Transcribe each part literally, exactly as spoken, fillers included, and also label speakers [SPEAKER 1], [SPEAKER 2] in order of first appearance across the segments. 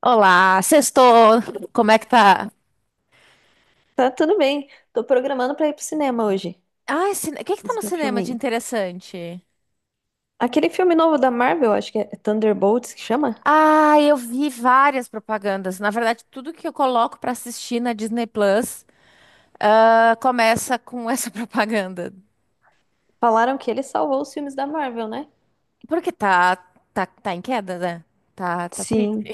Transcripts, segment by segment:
[SPEAKER 1] Olá, sextou. Como é que tá?
[SPEAKER 2] Tá tudo bem. Tô programando pra ir pro cinema hoje.
[SPEAKER 1] Ai, cine... o que que tá no
[SPEAKER 2] Assistir um
[SPEAKER 1] cinema de
[SPEAKER 2] filminho.
[SPEAKER 1] interessante?
[SPEAKER 2] Aquele filme novo da Marvel, acho que é Thunderbolts que chama.
[SPEAKER 1] Ah, eu vi várias propagandas. Na verdade, tudo que eu coloco pra assistir na Disney Plus, ah, começa com essa propaganda.
[SPEAKER 2] Falaram que ele salvou os filmes da Marvel, né?
[SPEAKER 1] Porque tá, tá, tá em queda, né? Tá, tá triste.
[SPEAKER 2] Sim.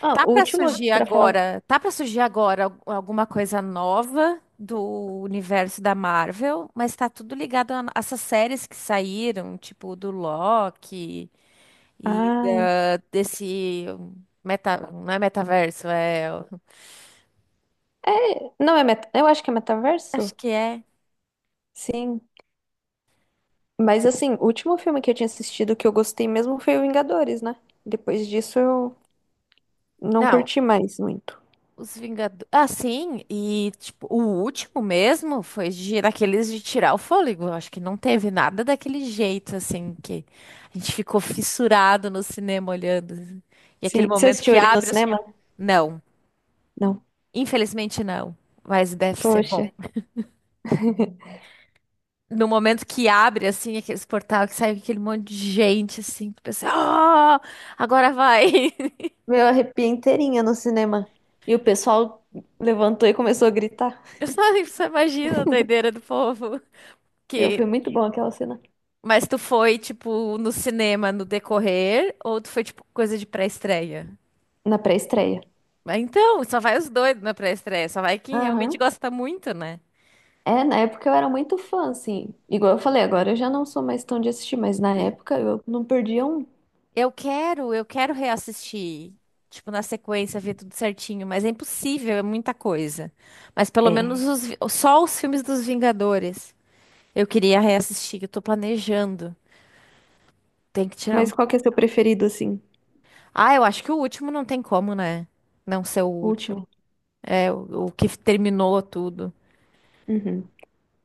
[SPEAKER 2] Ah,
[SPEAKER 1] Tá
[SPEAKER 2] o
[SPEAKER 1] pra
[SPEAKER 2] último,
[SPEAKER 1] surgir
[SPEAKER 2] pra falar.
[SPEAKER 1] agora, tá pra surgir agora al- alguma coisa nova do universo da Marvel, mas tá tudo ligado a a essas séries que saíram, tipo do Loki. E
[SPEAKER 2] Ai.
[SPEAKER 1] da- desse meta, não é metaverso, é,
[SPEAKER 2] É. Não é meta. Eu acho que é
[SPEAKER 1] acho
[SPEAKER 2] metaverso?
[SPEAKER 1] que é.
[SPEAKER 2] Sim. Mas assim, o último filme que eu tinha assistido que eu gostei mesmo foi o Vingadores, né? Depois disso eu não
[SPEAKER 1] Não,
[SPEAKER 2] curti mais muito.
[SPEAKER 1] os Vingadores. Ah, sim, e tipo, o último mesmo foi de, daqueles de tirar o fôlego. Eu acho que não teve nada daquele jeito assim que a gente ficou fissurado no cinema olhando assim. E aquele
[SPEAKER 2] Sim. Você
[SPEAKER 1] momento
[SPEAKER 2] assistiu
[SPEAKER 1] que
[SPEAKER 2] ele no
[SPEAKER 1] abre os...
[SPEAKER 2] cinema?
[SPEAKER 1] Não,
[SPEAKER 2] Não.
[SPEAKER 1] infelizmente não, mas deve ser
[SPEAKER 2] Poxa.
[SPEAKER 1] bom. No momento que abre, assim, aqueles portal que sai aquele monte de gente, assim, que pensa, oh, agora vai.
[SPEAKER 2] Meu, eu arrepiei inteirinha no cinema. E o pessoal levantou e começou a gritar.
[SPEAKER 1] Eu só, só imagino a doideira do povo.
[SPEAKER 2] Meu,
[SPEAKER 1] Que...
[SPEAKER 2] foi muito bom aquela cena.
[SPEAKER 1] Mas tu foi, tipo, no cinema no decorrer, ou tu foi, tipo, coisa de pré-estreia?
[SPEAKER 2] Na pré-estreia.
[SPEAKER 1] Mas então, só vai os doidos na pré-estreia, só vai quem realmente
[SPEAKER 2] Aham.
[SPEAKER 1] gosta muito, né?
[SPEAKER 2] É, na época eu era muito fã, assim. Igual eu falei, agora eu já não sou mais tão de assistir, mas na época eu não perdia um.
[SPEAKER 1] Eu quero, eu quero reassistir, tipo, na sequência, ver tudo certinho, mas é impossível, é muita coisa. Mas pelo menos
[SPEAKER 2] É.
[SPEAKER 1] os vi- só os filmes dos Vingadores. Eu queria reassistir, eu tô planejando. Tem que tirar um.
[SPEAKER 2] Mas qual que é seu preferido, assim?
[SPEAKER 1] Ah, eu acho que o último não tem como, né? Não ser o
[SPEAKER 2] O
[SPEAKER 1] último.
[SPEAKER 2] último?
[SPEAKER 1] É, o, o que terminou tudo.
[SPEAKER 2] Uhum.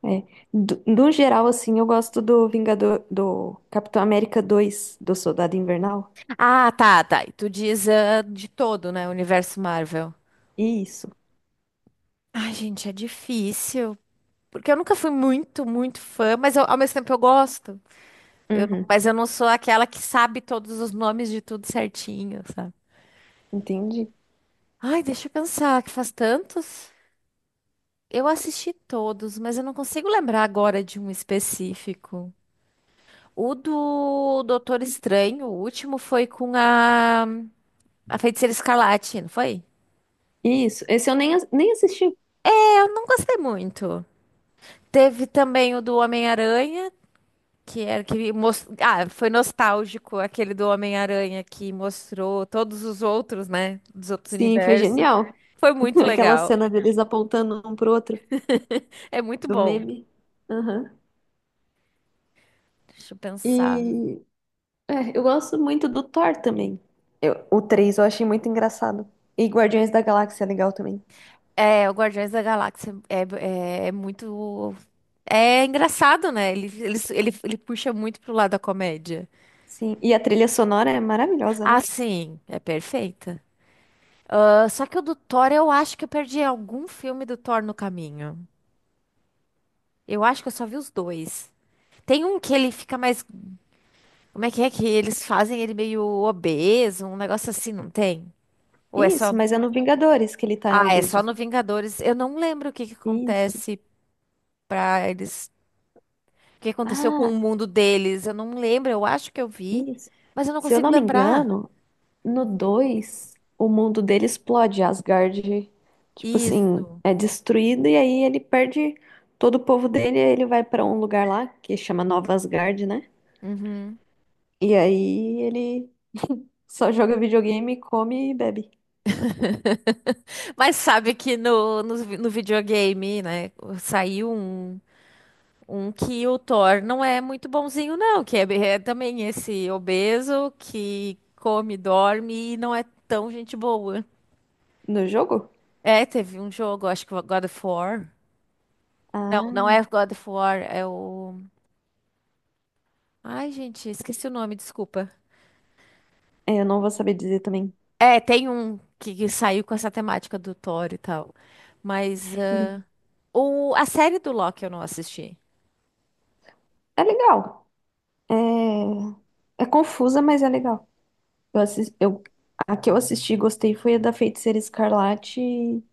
[SPEAKER 2] É. Do, no geral, assim, eu gosto do Vingador, do Capitão América dois do Soldado Invernal.
[SPEAKER 1] Ah, tá, tá. E tu diz ah, de todo, né? O universo Marvel.
[SPEAKER 2] Isso.
[SPEAKER 1] Ai, gente, é difícil. Porque eu nunca fui muito, muito fã, mas eu- ao mesmo tempo eu gosto. Eu não-
[SPEAKER 2] Uhum.
[SPEAKER 1] Mas eu não sou aquela que sabe todos os nomes de tudo certinho, sabe?
[SPEAKER 2] Entendi.
[SPEAKER 1] Ai, deixa eu pensar, que faz tantos. Eu assisti todos, mas eu não consigo lembrar agora de um específico. O do Doutor Estranho, o último foi com a, a Feiticeira Escarlate, não foi?
[SPEAKER 2] Isso. Esse eu nem, as- nem assisti.
[SPEAKER 1] Eu não gostei muito. Teve também o do Homem-Aranha, que era que mos- ah, foi nostálgico aquele do Homem-Aranha que mostrou todos os outros, né, dos outros
[SPEAKER 2] Sim, foi
[SPEAKER 1] universos.
[SPEAKER 2] genial.
[SPEAKER 1] Foi muito
[SPEAKER 2] Aquela
[SPEAKER 1] legal.
[SPEAKER 2] cena deles apontando um pro outro,
[SPEAKER 1] É muito
[SPEAKER 2] do
[SPEAKER 1] bom.
[SPEAKER 2] meme. Aham.
[SPEAKER 1] Deixa eu pensar.
[SPEAKER 2] E é, eu gosto muito do Thor também. Eu- o três eu achei muito engraçado. E Guardiões da Galáxia é legal também.
[SPEAKER 1] É, o Guardiões da Galáxia é, é, é muito. É engraçado, né? Ele, ele, ele, ele puxa muito pro lado da comédia.
[SPEAKER 2] Sim, e a trilha sonora é maravilhosa,
[SPEAKER 1] Ah,
[SPEAKER 2] né?
[SPEAKER 1] sim, é perfeita. Ah, só que o do Thor, eu acho que eu perdi algum filme do Thor no caminho. Eu acho que eu só vi os dois. Tem um que ele fica mais. Como é que é que eles fazem ele meio obeso, um negócio assim, não tem? Ou é só.
[SPEAKER 2] Isso, mas é no Vingadores que ele tá
[SPEAKER 1] Ah, é só
[SPEAKER 2] obeso.
[SPEAKER 1] no Vingadores. Eu não lembro o que que
[SPEAKER 2] Isso.
[SPEAKER 1] acontece pra eles. O que aconteceu com
[SPEAKER 2] Ah,
[SPEAKER 1] o mundo deles. Eu não lembro, eu acho que eu vi,
[SPEAKER 2] isso.
[SPEAKER 1] mas eu não
[SPEAKER 2] Se eu
[SPEAKER 1] consigo
[SPEAKER 2] não me
[SPEAKER 1] lembrar.
[SPEAKER 2] engano, no dois, o mundo dele explode, Asgard, tipo assim,
[SPEAKER 1] Isso.
[SPEAKER 2] é destruído e aí ele perde todo o povo dele, e aí ele vai pra um lugar lá que chama Nova Asgard, né?
[SPEAKER 1] Uhum.
[SPEAKER 2] E aí ele só joga videogame, come e bebe.
[SPEAKER 1] Mas sabe que no, no, no videogame, né? Saiu um. Um que o Thor não é muito bonzinho, não, que é, é também esse obeso que come, dorme e não é tão gente boa.
[SPEAKER 2] No jogo?
[SPEAKER 1] É, teve um jogo, acho que o God of War. Não, não
[SPEAKER 2] Ah,
[SPEAKER 1] é God of War, é o... Ai, gente, esqueci o nome, desculpa.
[SPEAKER 2] é, eu não vou saber dizer também.
[SPEAKER 1] É, tem um que, que saiu com essa temática do Thor e tal. Mas
[SPEAKER 2] Uhum.
[SPEAKER 1] ah, o, a série do Loki eu não assisti.
[SPEAKER 2] É legal. É, é confusa, mas é legal. Eu assis- eu... A que eu assisti e gostei foi a da Feiticeira Escarlate e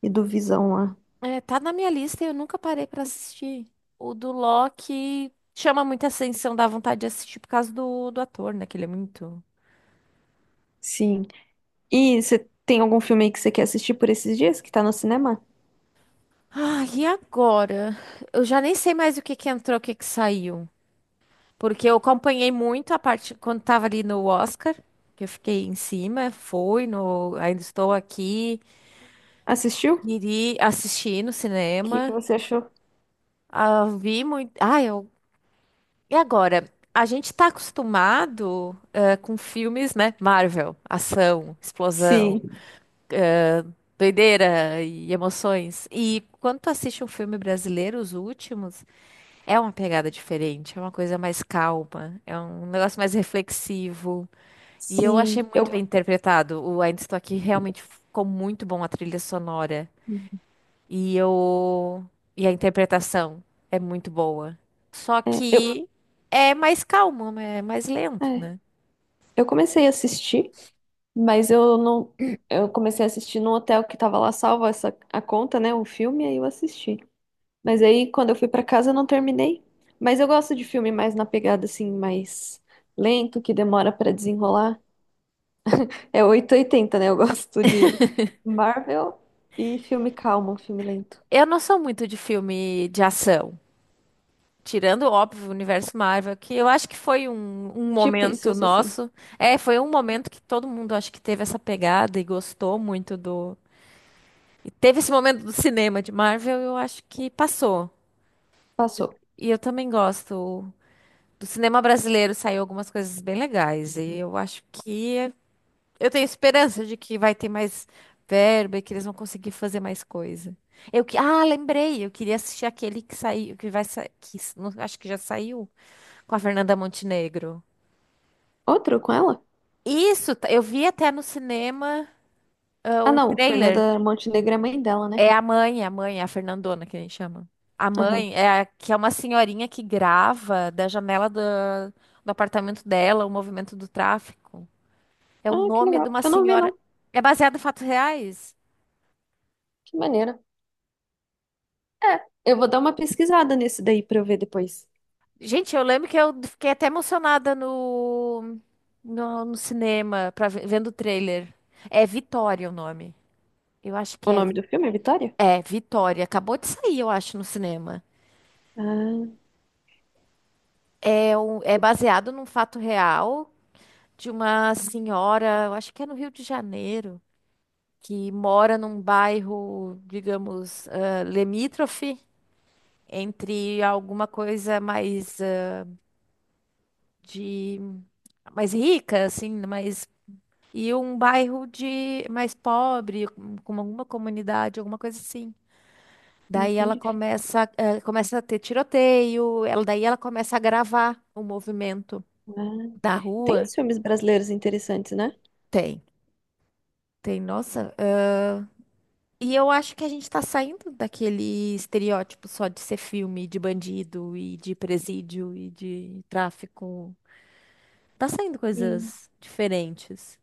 [SPEAKER 2] e do Visão lá.
[SPEAKER 1] É, tá na minha lista e eu nunca parei pra assistir. O do Loki chama muita atenção, dá vontade de assistir por causa do, do ator, né? Que ele é muito.
[SPEAKER 2] Sim. E você tem algum filme aí que você quer assistir por esses dias que tá no cinema?
[SPEAKER 1] Ah, e agora? Eu já nem sei mais o que que entrou, o que que saiu. Porque eu acompanhei muito a parte quando tava ali no Oscar, que eu fiquei em cima, fui no Ainda Estou Aqui,
[SPEAKER 2] Assistiu?
[SPEAKER 1] iri assistir no
[SPEAKER 2] O que que
[SPEAKER 1] cinema.
[SPEAKER 2] você achou?
[SPEAKER 1] Ah, vi muito. Ah, eu E agora, a gente está acostumado eh, com filmes, né? Marvel, ação, sim, explosão,
[SPEAKER 2] Sim,
[SPEAKER 1] doideira e emoções. E quando tu assiste um filme brasileiro, os últimos, é uma pegada diferente, é uma coisa mais calma, é um negócio mais reflexivo. E eu achei,
[SPEAKER 2] sim.
[SPEAKER 1] sim,
[SPEAKER 2] Eu,
[SPEAKER 1] muito bem interpretado. O Ainda Estou Aqui realmente ficou muito bom, a trilha sonora. E eu... E a interpretação é muito boa. Só
[SPEAKER 2] é, eu,
[SPEAKER 1] que é mais calmo, né, é mais lento,
[SPEAKER 2] é,
[SPEAKER 1] né?
[SPEAKER 2] eu comecei a assistir, mas eu não. Eu comecei a assistir no hotel que tava lá salvo essa, a conta, né? O filme, aí eu assisti. Mas aí quando eu fui pra casa eu não terminei. Mas eu gosto de filme mais na pegada assim, mais lento, que demora pra desenrolar. É oitocentos e oitenta, né? Eu gosto de Marvel e filme calmo, filme lento.
[SPEAKER 1] Eu não sou muito de filme de ação. Tirando, óbvio, o universo Marvel, que eu acho que foi um, um
[SPEAKER 2] Tipo isso, eu
[SPEAKER 1] momento
[SPEAKER 2] sou assim.
[SPEAKER 1] nosso. É, foi um momento que todo mundo acho que teve essa pegada e gostou muito do... E teve esse momento do cinema de Marvel, eu acho que passou.
[SPEAKER 2] Passou.
[SPEAKER 1] E eu também gosto. Do cinema brasileiro saiu algumas coisas bem legais. E eu acho que é... Eu tenho esperança de que vai ter mais verba e que eles vão conseguir fazer mais coisa. Eu que, ah, lembrei, eu queria assistir aquele que saiu, que vai sair, que s- não- acho que já saiu, com a Fernanda Montenegro.
[SPEAKER 2] Outro com ela?
[SPEAKER 1] Isso, tá- eu vi até no cinema, ah,
[SPEAKER 2] Ah,
[SPEAKER 1] o
[SPEAKER 2] não.
[SPEAKER 1] trailer.
[SPEAKER 2] Fernanda Montenegro é mãe dela, né?
[SPEAKER 1] É a mãe, a mãe, a Fernandona que a gente chama. A
[SPEAKER 2] Aham.
[SPEAKER 1] mãe é a- que é uma senhorinha que grava da janela do, do apartamento dela o movimento do tráfico. É o
[SPEAKER 2] Ah, que
[SPEAKER 1] nome de
[SPEAKER 2] legal.
[SPEAKER 1] uma
[SPEAKER 2] Eu não vi,
[SPEAKER 1] senhora.
[SPEAKER 2] não.
[SPEAKER 1] É baseado em fatos reais?
[SPEAKER 2] Que maneira. É, eu vou dar uma pesquisada nesse daí pra eu ver depois.
[SPEAKER 1] Gente, eu lembro que eu fiquei até emocionada no, no, no cinema, pra, ve- vendo o trailer. É Vitória o nome. Eu acho que
[SPEAKER 2] O
[SPEAKER 1] é,
[SPEAKER 2] nome
[SPEAKER 1] Vi-
[SPEAKER 2] do filme é Vitória?
[SPEAKER 1] é Vitória. Acabou de sair, eu acho, no cinema.
[SPEAKER 2] Ah,
[SPEAKER 1] É, um, é baseado num fato real de uma senhora, eu acho que é no Rio de Janeiro, que mora num bairro, digamos, ah, limítrofe entre alguma coisa mais ah, de mais rica, assim, mais... E um bairro de mais pobre, com com alguma comunidade, alguma coisa assim. Daí ela
[SPEAKER 2] entendi.
[SPEAKER 1] começa, eh, começa a ter tiroteio, ela, daí ela começa a gravar o movimento
[SPEAKER 2] Ah.
[SPEAKER 1] da
[SPEAKER 2] Tem
[SPEAKER 1] rua.
[SPEAKER 2] uns filmes brasileiros interessantes, né?
[SPEAKER 1] Tem, Tem, nossa. Eh, e eu acho que a gente está saindo daquele estereótipo só de ser filme de bandido e de presídio e de tráfico. Tá saindo
[SPEAKER 2] Sim.
[SPEAKER 1] coisas diferentes.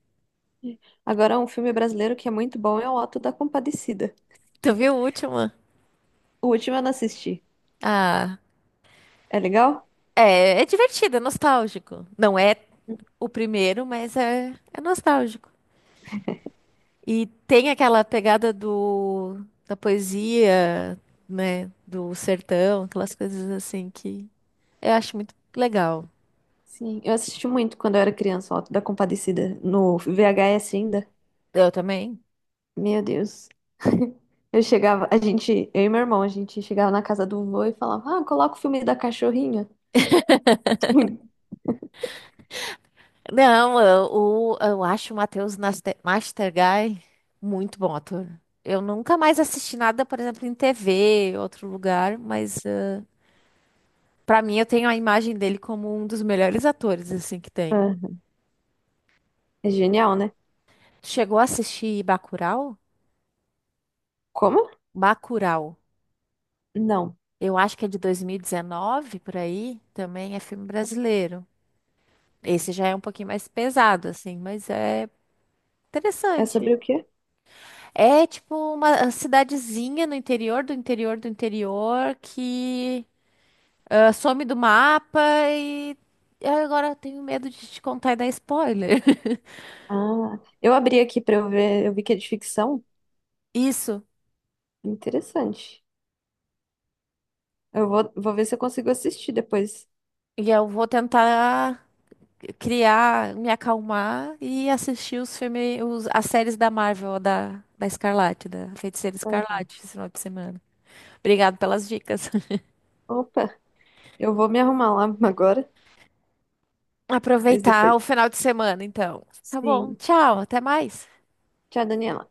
[SPEAKER 2] Agora, um filme brasileiro que é muito bom é O Auto da Compadecida.
[SPEAKER 1] Tu viu o último?
[SPEAKER 2] O último eu não assisti.
[SPEAKER 1] Ah,
[SPEAKER 2] É legal?
[SPEAKER 1] é, é divertido, é nostálgico. Não é o primeiro, mas é, é nostálgico. E tem aquela pegada do, da poesia, né? Do sertão, aquelas coisas assim que eu acho muito legal.
[SPEAKER 2] Sim, eu assisti muito quando eu era criança, O Auto da Compadecida, no V H S ainda.
[SPEAKER 1] Eu também.
[SPEAKER 2] Meu Deus. Eu chegava, a gente, eu e meu irmão, a gente chegava na casa do vô e falava: Ah, coloca o filme da cachorrinha.
[SPEAKER 1] Não, eu, o- eu acho o Matheus Naste- Mastergai muito bom ator. Eu nunca mais assisti nada, por exemplo, em T V, outro lugar, mas eh, pra mim eu tenho a imagem dele como um dos melhores atores assim que tem.
[SPEAKER 2] Ah, é genial, né?
[SPEAKER 1] Chegou a assistir Bacurau?
[SPEAKER 2] Como?
[SPEAKER 1] Bacurau.
[SPEAKER 2] Não.
[SPEAKER 1] Eu acho que é de dois mil e dezenove, por aí. Também é filme brasileiro. Esse já é um pouquinho mais pesado, assim, mas é
[SPEAKER 2] É sobre
[SPEAKER 1] interessante.
[SPEAKER 2] o quê?
[SPEAKER 1] É tipo uma cidadezinha no interior do interior do interior que ah, some do mapa e eu agora tenho medo de te contar e dar spoiler.
[SPEAKER 2] Ah, eu abri aqui pra eu ver, eu vi que é de ficção.
[SPEAKER 1] Isso.
[SPEAKER 2] Interessante. Eu vou, vou ver se eu consigo assistir depois.
[SPEAKER 1] E eu vou tentar criar, me acalmar e assistir os filmes, os- as séries da Marvel, da, da Escarlate, da Feiticeira
[SPEAKER 2] Uhum.
[SPEAKER 1] Escarlate, esse final de semana. Obrigado pelas dicas.
[SPEAKER 2] Opa, eu vou me arrumar lá agora, mas
[SPEAKER 1] Aproveitar
[SPEAKER 2] depois.
[SPEAKER 1] o final de semana, então. Tá bom,
[SPEAKER 2] Sim.
[SPEAKER 1] tchau, até mais.
[SPEAKER 2] Tchau, Daniela.